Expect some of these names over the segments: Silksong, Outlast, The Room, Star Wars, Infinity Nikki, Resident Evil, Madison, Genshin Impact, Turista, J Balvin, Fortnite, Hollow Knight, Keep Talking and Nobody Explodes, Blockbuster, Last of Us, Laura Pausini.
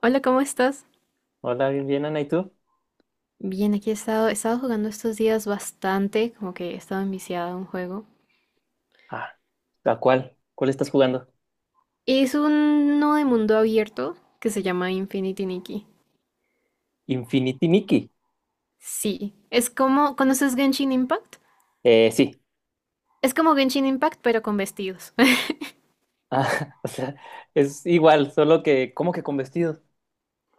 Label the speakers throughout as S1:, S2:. S1: Hola, ¿cómo estás?
S2: Hola, bien, bien, Ana, ¿y tú?
S1: Bien, aquí he estado jugando estos días bastante, como que he estado enviciada a un juego.
S2: Ah, ¿a cuál? ¿Cuál estás jugando?
S1: Es uno de mundo abierto que se llama Infinity Nikki.
S2: Infinity Nikki.
S1: Sí, es como, ¿conoces Genshin Impact?
S2: Sí.
S1: Es como Genshin Impact, pero con vestidos.
S2: Ah, o sea, es igual, solo que, ¿cómo que con vestidos?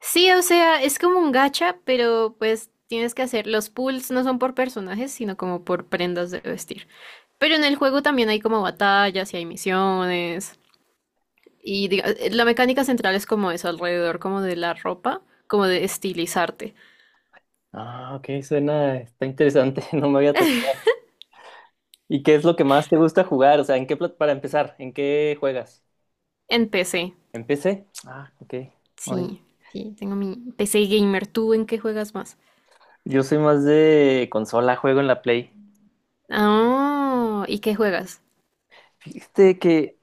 S1: Sí, o sea, es como un gacha, pero pues tienes que hacer, los pulls no son por personajes, sino como por prendas de vestir. Pero en el juego también hay como batallas y hay misiones. La mecánica central es como eso, alrededor como de la ropa, como de estilizarte.
S2: Ah, ok, suena, está interesante, no me había tocado. ¿Y qué es lo que más te gusta jugar? O sea, ¿en qué, para empezar, ¿en qué juegas?
S1: En PC.
S2: ¿En PC? Ah, ok. Oye,
S1: Sí, sí, tengo mi PC gamer. ¿Tú en qué juegas más?
S2: yo soy más de consola, juego en la Play.
S1: Ah, ¿y qué juegas?
S2: Fíjate que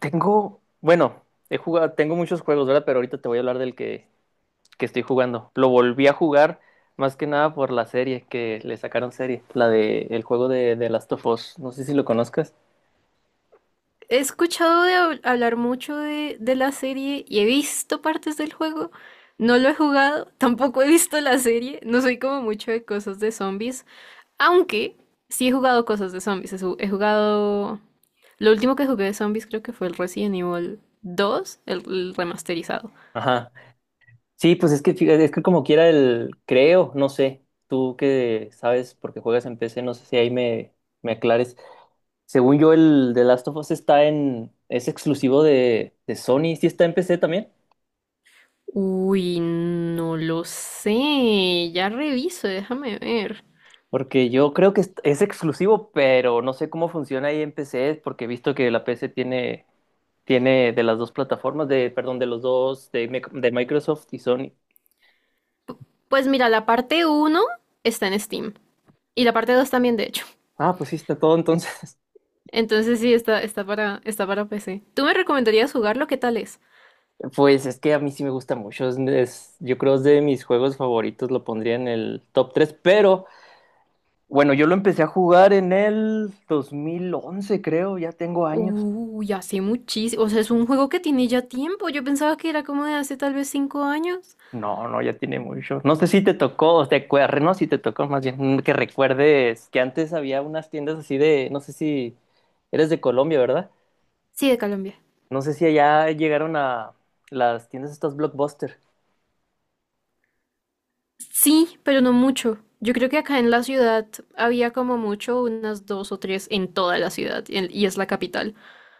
S2: tengo, bueno, he jugado, tengo muchos juegos, ¿verdad? Pero ahorita te voy a hablar que estoy jugando. Lo volví a jugar más que nada por la serie que le sacaron serie, la de el juego de Last of Us. No sé si lo conozcas.
S1: He escuchado de hablar mucho de la serie y he visto partes del juego. No lo he jugado, tampoco he visto la serie. No soy como mucho de cosas de zombies. Aunque sí he jugado cosas de zombies. He jugado. Lo último que jugué de zombies creo que fue el Resident Evil 2, el remasterizado.
S2: Ajá. Sí, pues es que fíjate, es que como quiera el creo, no sé. Tú que sabes porque juegas en PC, no sé si ahí me aclares. Según yo, el de Last of Us es exclusivo de Sony, sí está en PC también.
S1: Uy, no lo sé. Ya reviso, déjame ver.
S2: Porque yo creo que es exclusivo, pero no sé cómo funciona ahí en PC, porque he visto que la PC tiene de las dos plataformas, perdón, de los dos, de Microsoft y Sony.
S1: Pues mira, la parte uno está en Steam. Y la parte 2 también, de hecho.
S2: Ah, pues sí, está todo entonces.
S1: Entonces sí, está para, está para PC. ¿Tú me recomendarías jugarlo? ¿Qué tal es?
S2: Pues es que a mí sí me gusta mucho. Yo creo es de mis juegos favoritos, lo pondría en el top tres, pero bueno, yo lo empecé a jugar en el 2011, creo, ya tengo años.
S1: Uy, hace muchísimo. O sea, es un juego que tiene ya tiempo. Yo pensaba que era como de hace tal vez 5 años.
S2: No, no, ya tiene mucho. No sé si te tocó, o no, si te tocó más bien, que recuerdes que antes había unas tiendas así de, no sé si eres de Colombia, ¿verdad?
S1: Sí, de Colombia.
S2: No sé si allá llegaron a las tiendas estas Blockbuster.
S1: Sí, pero no mucho. Yo creo que acá en la ciudad había como mucho, unas dos o tres en toda la ciudad, y es la capital.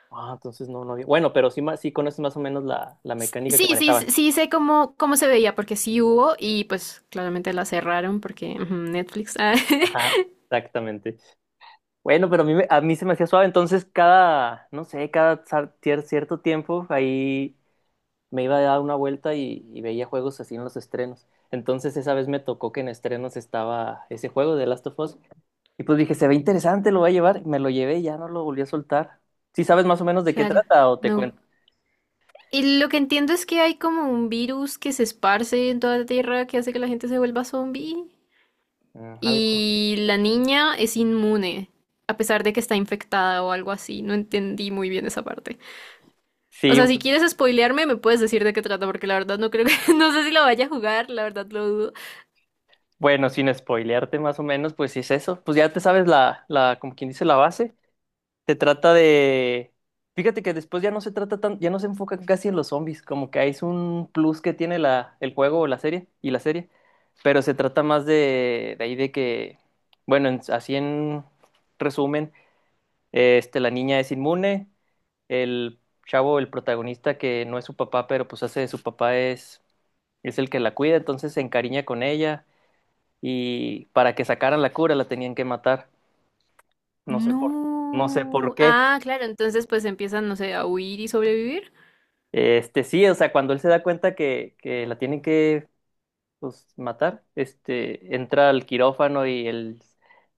S2: Ah, entonces no, no había. Bueno, pero sí, sí conoces más o menos la mecánica que
S1: Sí, sí,
S2: manejaban.
S1: sí, sí sé cómo, cómo se veía, porque sí hubo y pues claramente la cerraron porque ujú, Netflix. Ah,
S2: Ajá, exactamente. Bueno, pero a mí se me hacía suave, entonces cada, no sé, cada cierto tiempo ahí me iba a dar una vuelta y veía juegos así en los estrenos. Entonces esa vez me tocó que en estrenos estaba ese juego de Last of Us. Y pues dije, se ve interesante, lo voy a llevar. Me lo llevé y ya no lo volví a soltar. ¿Sí sabes más o menos de qué
S1: claro,
S2: trata o te
S1: no.
S2: cuento?
S1: Y lo que entiendo es que hay como un virus que se esparce en toda la tierra que hace que la gente se vuelva zombie.
S2: Mm, algo.
S1: Y la niña es inmune, a pesar de que está infectada o algo así. No entendí muy bien esa parte. O
S2: Sí,
S1: sea, si quieres spoilearme, me puedes decir de qué trata, porque la verdad no creo que, no sé si lo vaya a jugar, la verdad lo dudo.
S2: bueno, sin spoilearte más o menos, pues sí es eso. Pues ya te sabes como quien dice, la base. Se trata de. Fíjate que después ya no se trata tan, ya no se enfoca casi en los zombies, como que ahí es un plus que tiene el juego o la serie, y la serie. Pero se trata más de ahí de que, bueno, así en resumen, la niña es inmune, el chavo, el protagonista que no es su papá, pero pues hace de su papá es el que la cuida, entonces se encariña con ella y para que sacaran la cura la tenían que matar. No sé por, no sé por
S1: No.
S2: qué.
S1: Ah, claro, entonces pues empiezan, no sé, a huir y sobrevivir.
S2: Este, sí, o sea, cuando él se da cuenta que la tienen que pues, matar, este, entra al quirófano y él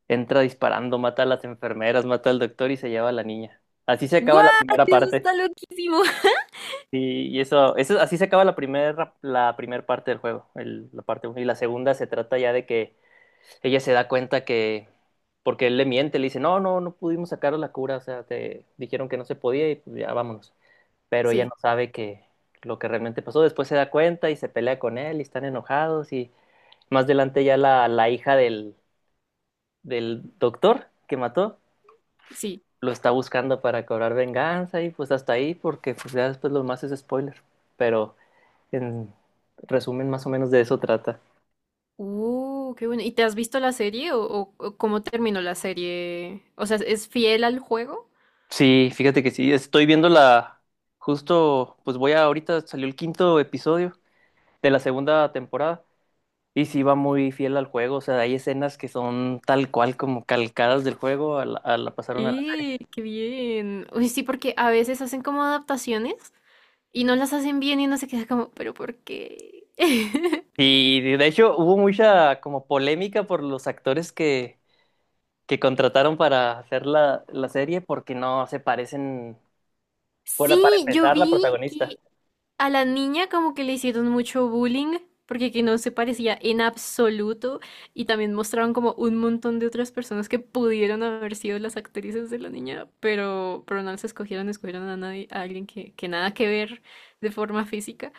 S2: entra disparando, mata a las enfermeras, mata al doctor y se lleva a la niña. Así se acaba la
S1: ¡What!
S2: primera
S1: Eso
S2: parte.
S1: está loquísimo.
S2: Sí, y eso así se acaba la primer parte del juego, la parte uno. Y la segunda se trata ya de que ella se da cuenta que, porque él le miente, le dice, no, no, no pudimos sacar la cura, o sea, te dijeron que no se podía y pues ya vámonos. Pero ella
S1: Sí,
S2: no sabe que lo que realmente pasó. Después se da cuenta y se pelea con él y están enojados y más adelante ya la hija del doctor que mató
S1: sí.
S2: lo está buscando para cobrar venganza y pues hasta ahí porque pues ya después lo más es spoiler. Pero... en resumen, más o menos de eso trata.
S1: Qué bueno. ¿Y te has visto la serie o cómo terminó la serie? O sea, ¿es fiel al juego?
S2: Sí, fíjate que sí, estoy viendo la... Justo, pues voy a... Ahorita salió el quinto episodio de la segunda temporada y sí va muy fiel al juego, o sea, hay escenas que son tal cual como calcadas del juego, a a la pasaron a la serie.
S1: ¡Eh, qué bien! Uy, sí, porque a veces hacen como adaptaciones y no las hacen bien y no se queda como, ¿pero por qué?
S2: Y de hecho hubo mucha como polémica por los actores que contrataron para hacer la serie porque no se parecen, por para
S1: Sí, yo
S2: empezar, la
S1: vi
S2: protagonista.
S1: que a la niña como que le hicieron mucho bullying porque que no se parecía en absoluto y también mostraron como un montón de otras personas que pudieron haber sido las actrices de la niña, pero no las escogieron, escogieron a nadie, a alguien que nada que ver de forma física.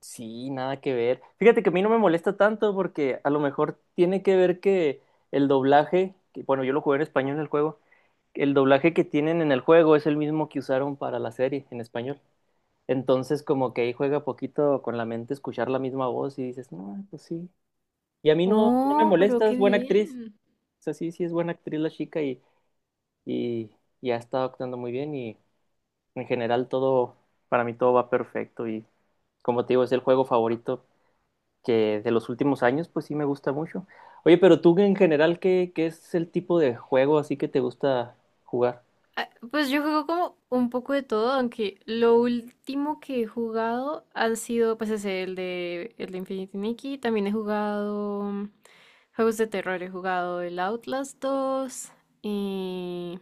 S2: Sí, nada que ver. Fíjate que a mí no me molesta tanto porque a lo mejor tiene que ver que el doblaje, que, bueno, yo lo jugué en español en el juego, el doblaje que tienen en el juego es el mismo que usaron para la serie en español. Entonces como que ahí juega poquito con la mente escuchar la misma voz y dices, no, pues sí. Y a mí no, no me
S1: Oh, pero
S2: molesta,
S1: qué
S2: es buena actriz.
S1: bien.
S2: O sea, sí, sí es buena actriz la chica y, y ha estado actuando muy bien y en general todo, para mí todo va perfecto y como te digo, es el juego favorito que de los últimos años, pues sí me gusta mucho. Oye, pero tú en general, ¿qué, qué es el tipo de juego así que te gusta jugar?
S1: Ah, pues yo juego como un poco de todo, aunque lo último que he jugado han sido, pues ese, el de Infinity Nikki. También he jugado juegos de terror, he jugado el Outlast 2 y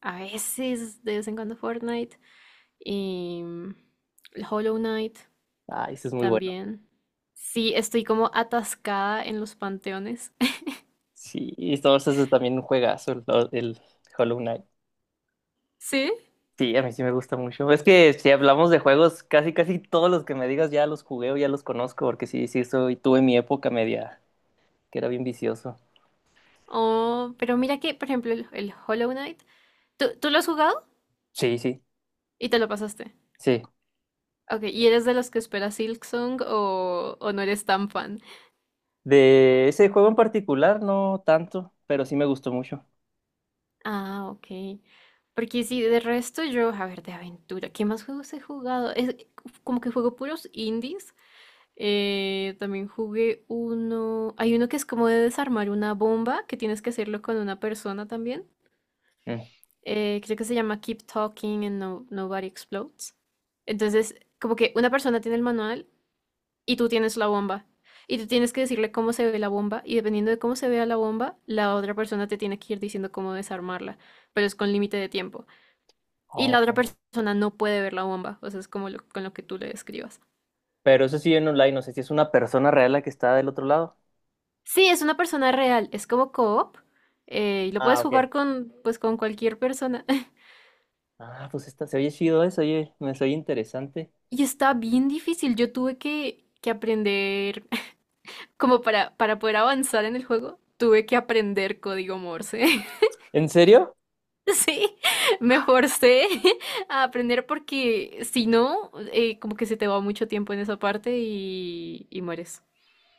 S1: a veces, de vez en cuando Fortnite, y el Hollow Knight
S2: Ah, ese es muy bueno.
S1: también. Sí, estoy como atascada en los panteones.
S2: Sí, y Star Wars es también un juegazo, el Hollow Knight.
S1: ¿Sí?
S2: Sí, a mí sí me gusta mucho. Es que si hablamos de juegos, casi casi todos los que me digas ya los jugué o ya los conozco, porque sí, sí, soy, tuve mi época media, que era bien vicioso.
S1: Oh, pero mira que, por ejemplo, el Hollow Knight. ¿Tú lo has jugado
S2: Sí, sí,
S1: y te lo pasaste?
S2: sí.
S1: Ok, ¿y eres de los que espera Silksong o no eres tan fan?
S2: De ese juego en particular, no tanto, pero sí me gustó mucho.
S1: Ah, ok. Porque sí, de resto yo, a ver, de aventura, ¿qué más juegos he jugado? Es como que juego puros indies. Eh, también jugué uno, hay uno que es como de desarmar una bomba, que tienes que hacerlo con una persona también.
S2: Mm.
S1: Eh, creo que se llama Keep Talking and Nobody Explodes. Entonces, como que una persona tiene el manual y tú tienes la bomba. Y tú tienes que decirle cómo se ve la bomba y dependiendo de cómo se vea la bomba, la otra persona te tiene que ir diciendo cómo desarmarla, pero es con límite de tiempo. Y la otra persona no puede ver la bomba, o sea, es como con lo que tú le describas.
S2: Pero eso sí en online, no sé si es una persona real la que está del otro lado.
S1: Sí, es una persona real, es como co-op. Eh, y lo
S2: Ah,
S1: puedes
S2: ok.
S1: jugar con, pues, con cualquier persona.
S2: Ah, pues está, se oye chido eso, oye, me soy interesante.
S1: Y está bien difícil, yo tuve que aprender, como para poder avanzar en el juego, tuve que aprender código Morse.
S2: ¿En serio?
S1: Sí, me forcé a aprender porque si no, como que se te va mucho tiempo en esa parte y mueres.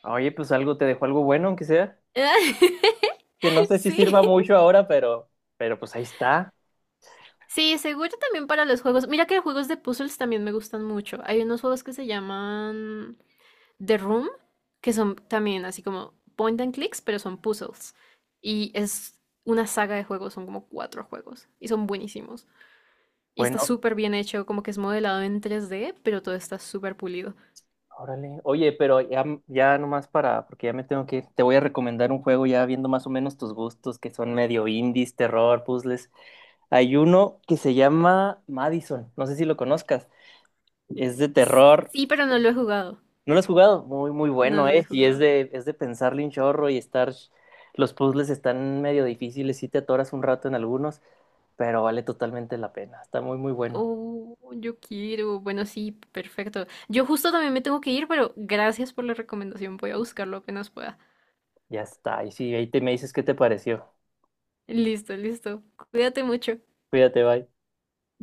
S2: Oye, pues algo te dejó algo bueno, aunque sea, que no sé si
S1: Sí,
S2: sirva mucho ahora, pero pues ahí está.
S1: sí, seguro también para los juegos. Mira que juegos de puzzles también me gustan mucho. Hay unos juegos que se llaman The Room, que son también así como point and clicks, pero son puzzles. Y es una saga de juegos, son como cuatro juegos y son buenísimos. Y está
S2: Bueno,
S1: súper bien hecho, como que es modelado en 3D, pero todo está súper pulido.
S2: órale. Oye, pero ya, ya nomás para, porque ya me tengo que ir, te voy a recomendar un juego ya viendo más o menos tus gustos, que son medio indies, terror, puzzles. Hay uno que se llama Madison, no sé si lo conozcas, es de terror.
S1: Sí, pero no lo he jugado.
S2: ¿No lo has jugado? Muy, muy
S1: No,
S2: bueno,
S1: no lo he
S2: ¿eh? Y
S1: jugado.
S2: es de pensarle un chorro y estar... Los puzzles están medio difíciles, sí te atoras un rato en algunos, pero vale totalmente la pena. Está muy, muy bueno.
S1: Oh, yo quiero. Bueno, sí, perfecto. Yo justo también me tengo que ir, pero gracias por la recomendación. Voy a buscarlo apenas pueda.
S2: Ya está. Y sí, ahí te me dices qué te pareció.
S1: Listo, listo. Cuídate mucho.
S2: Cuídate, bye.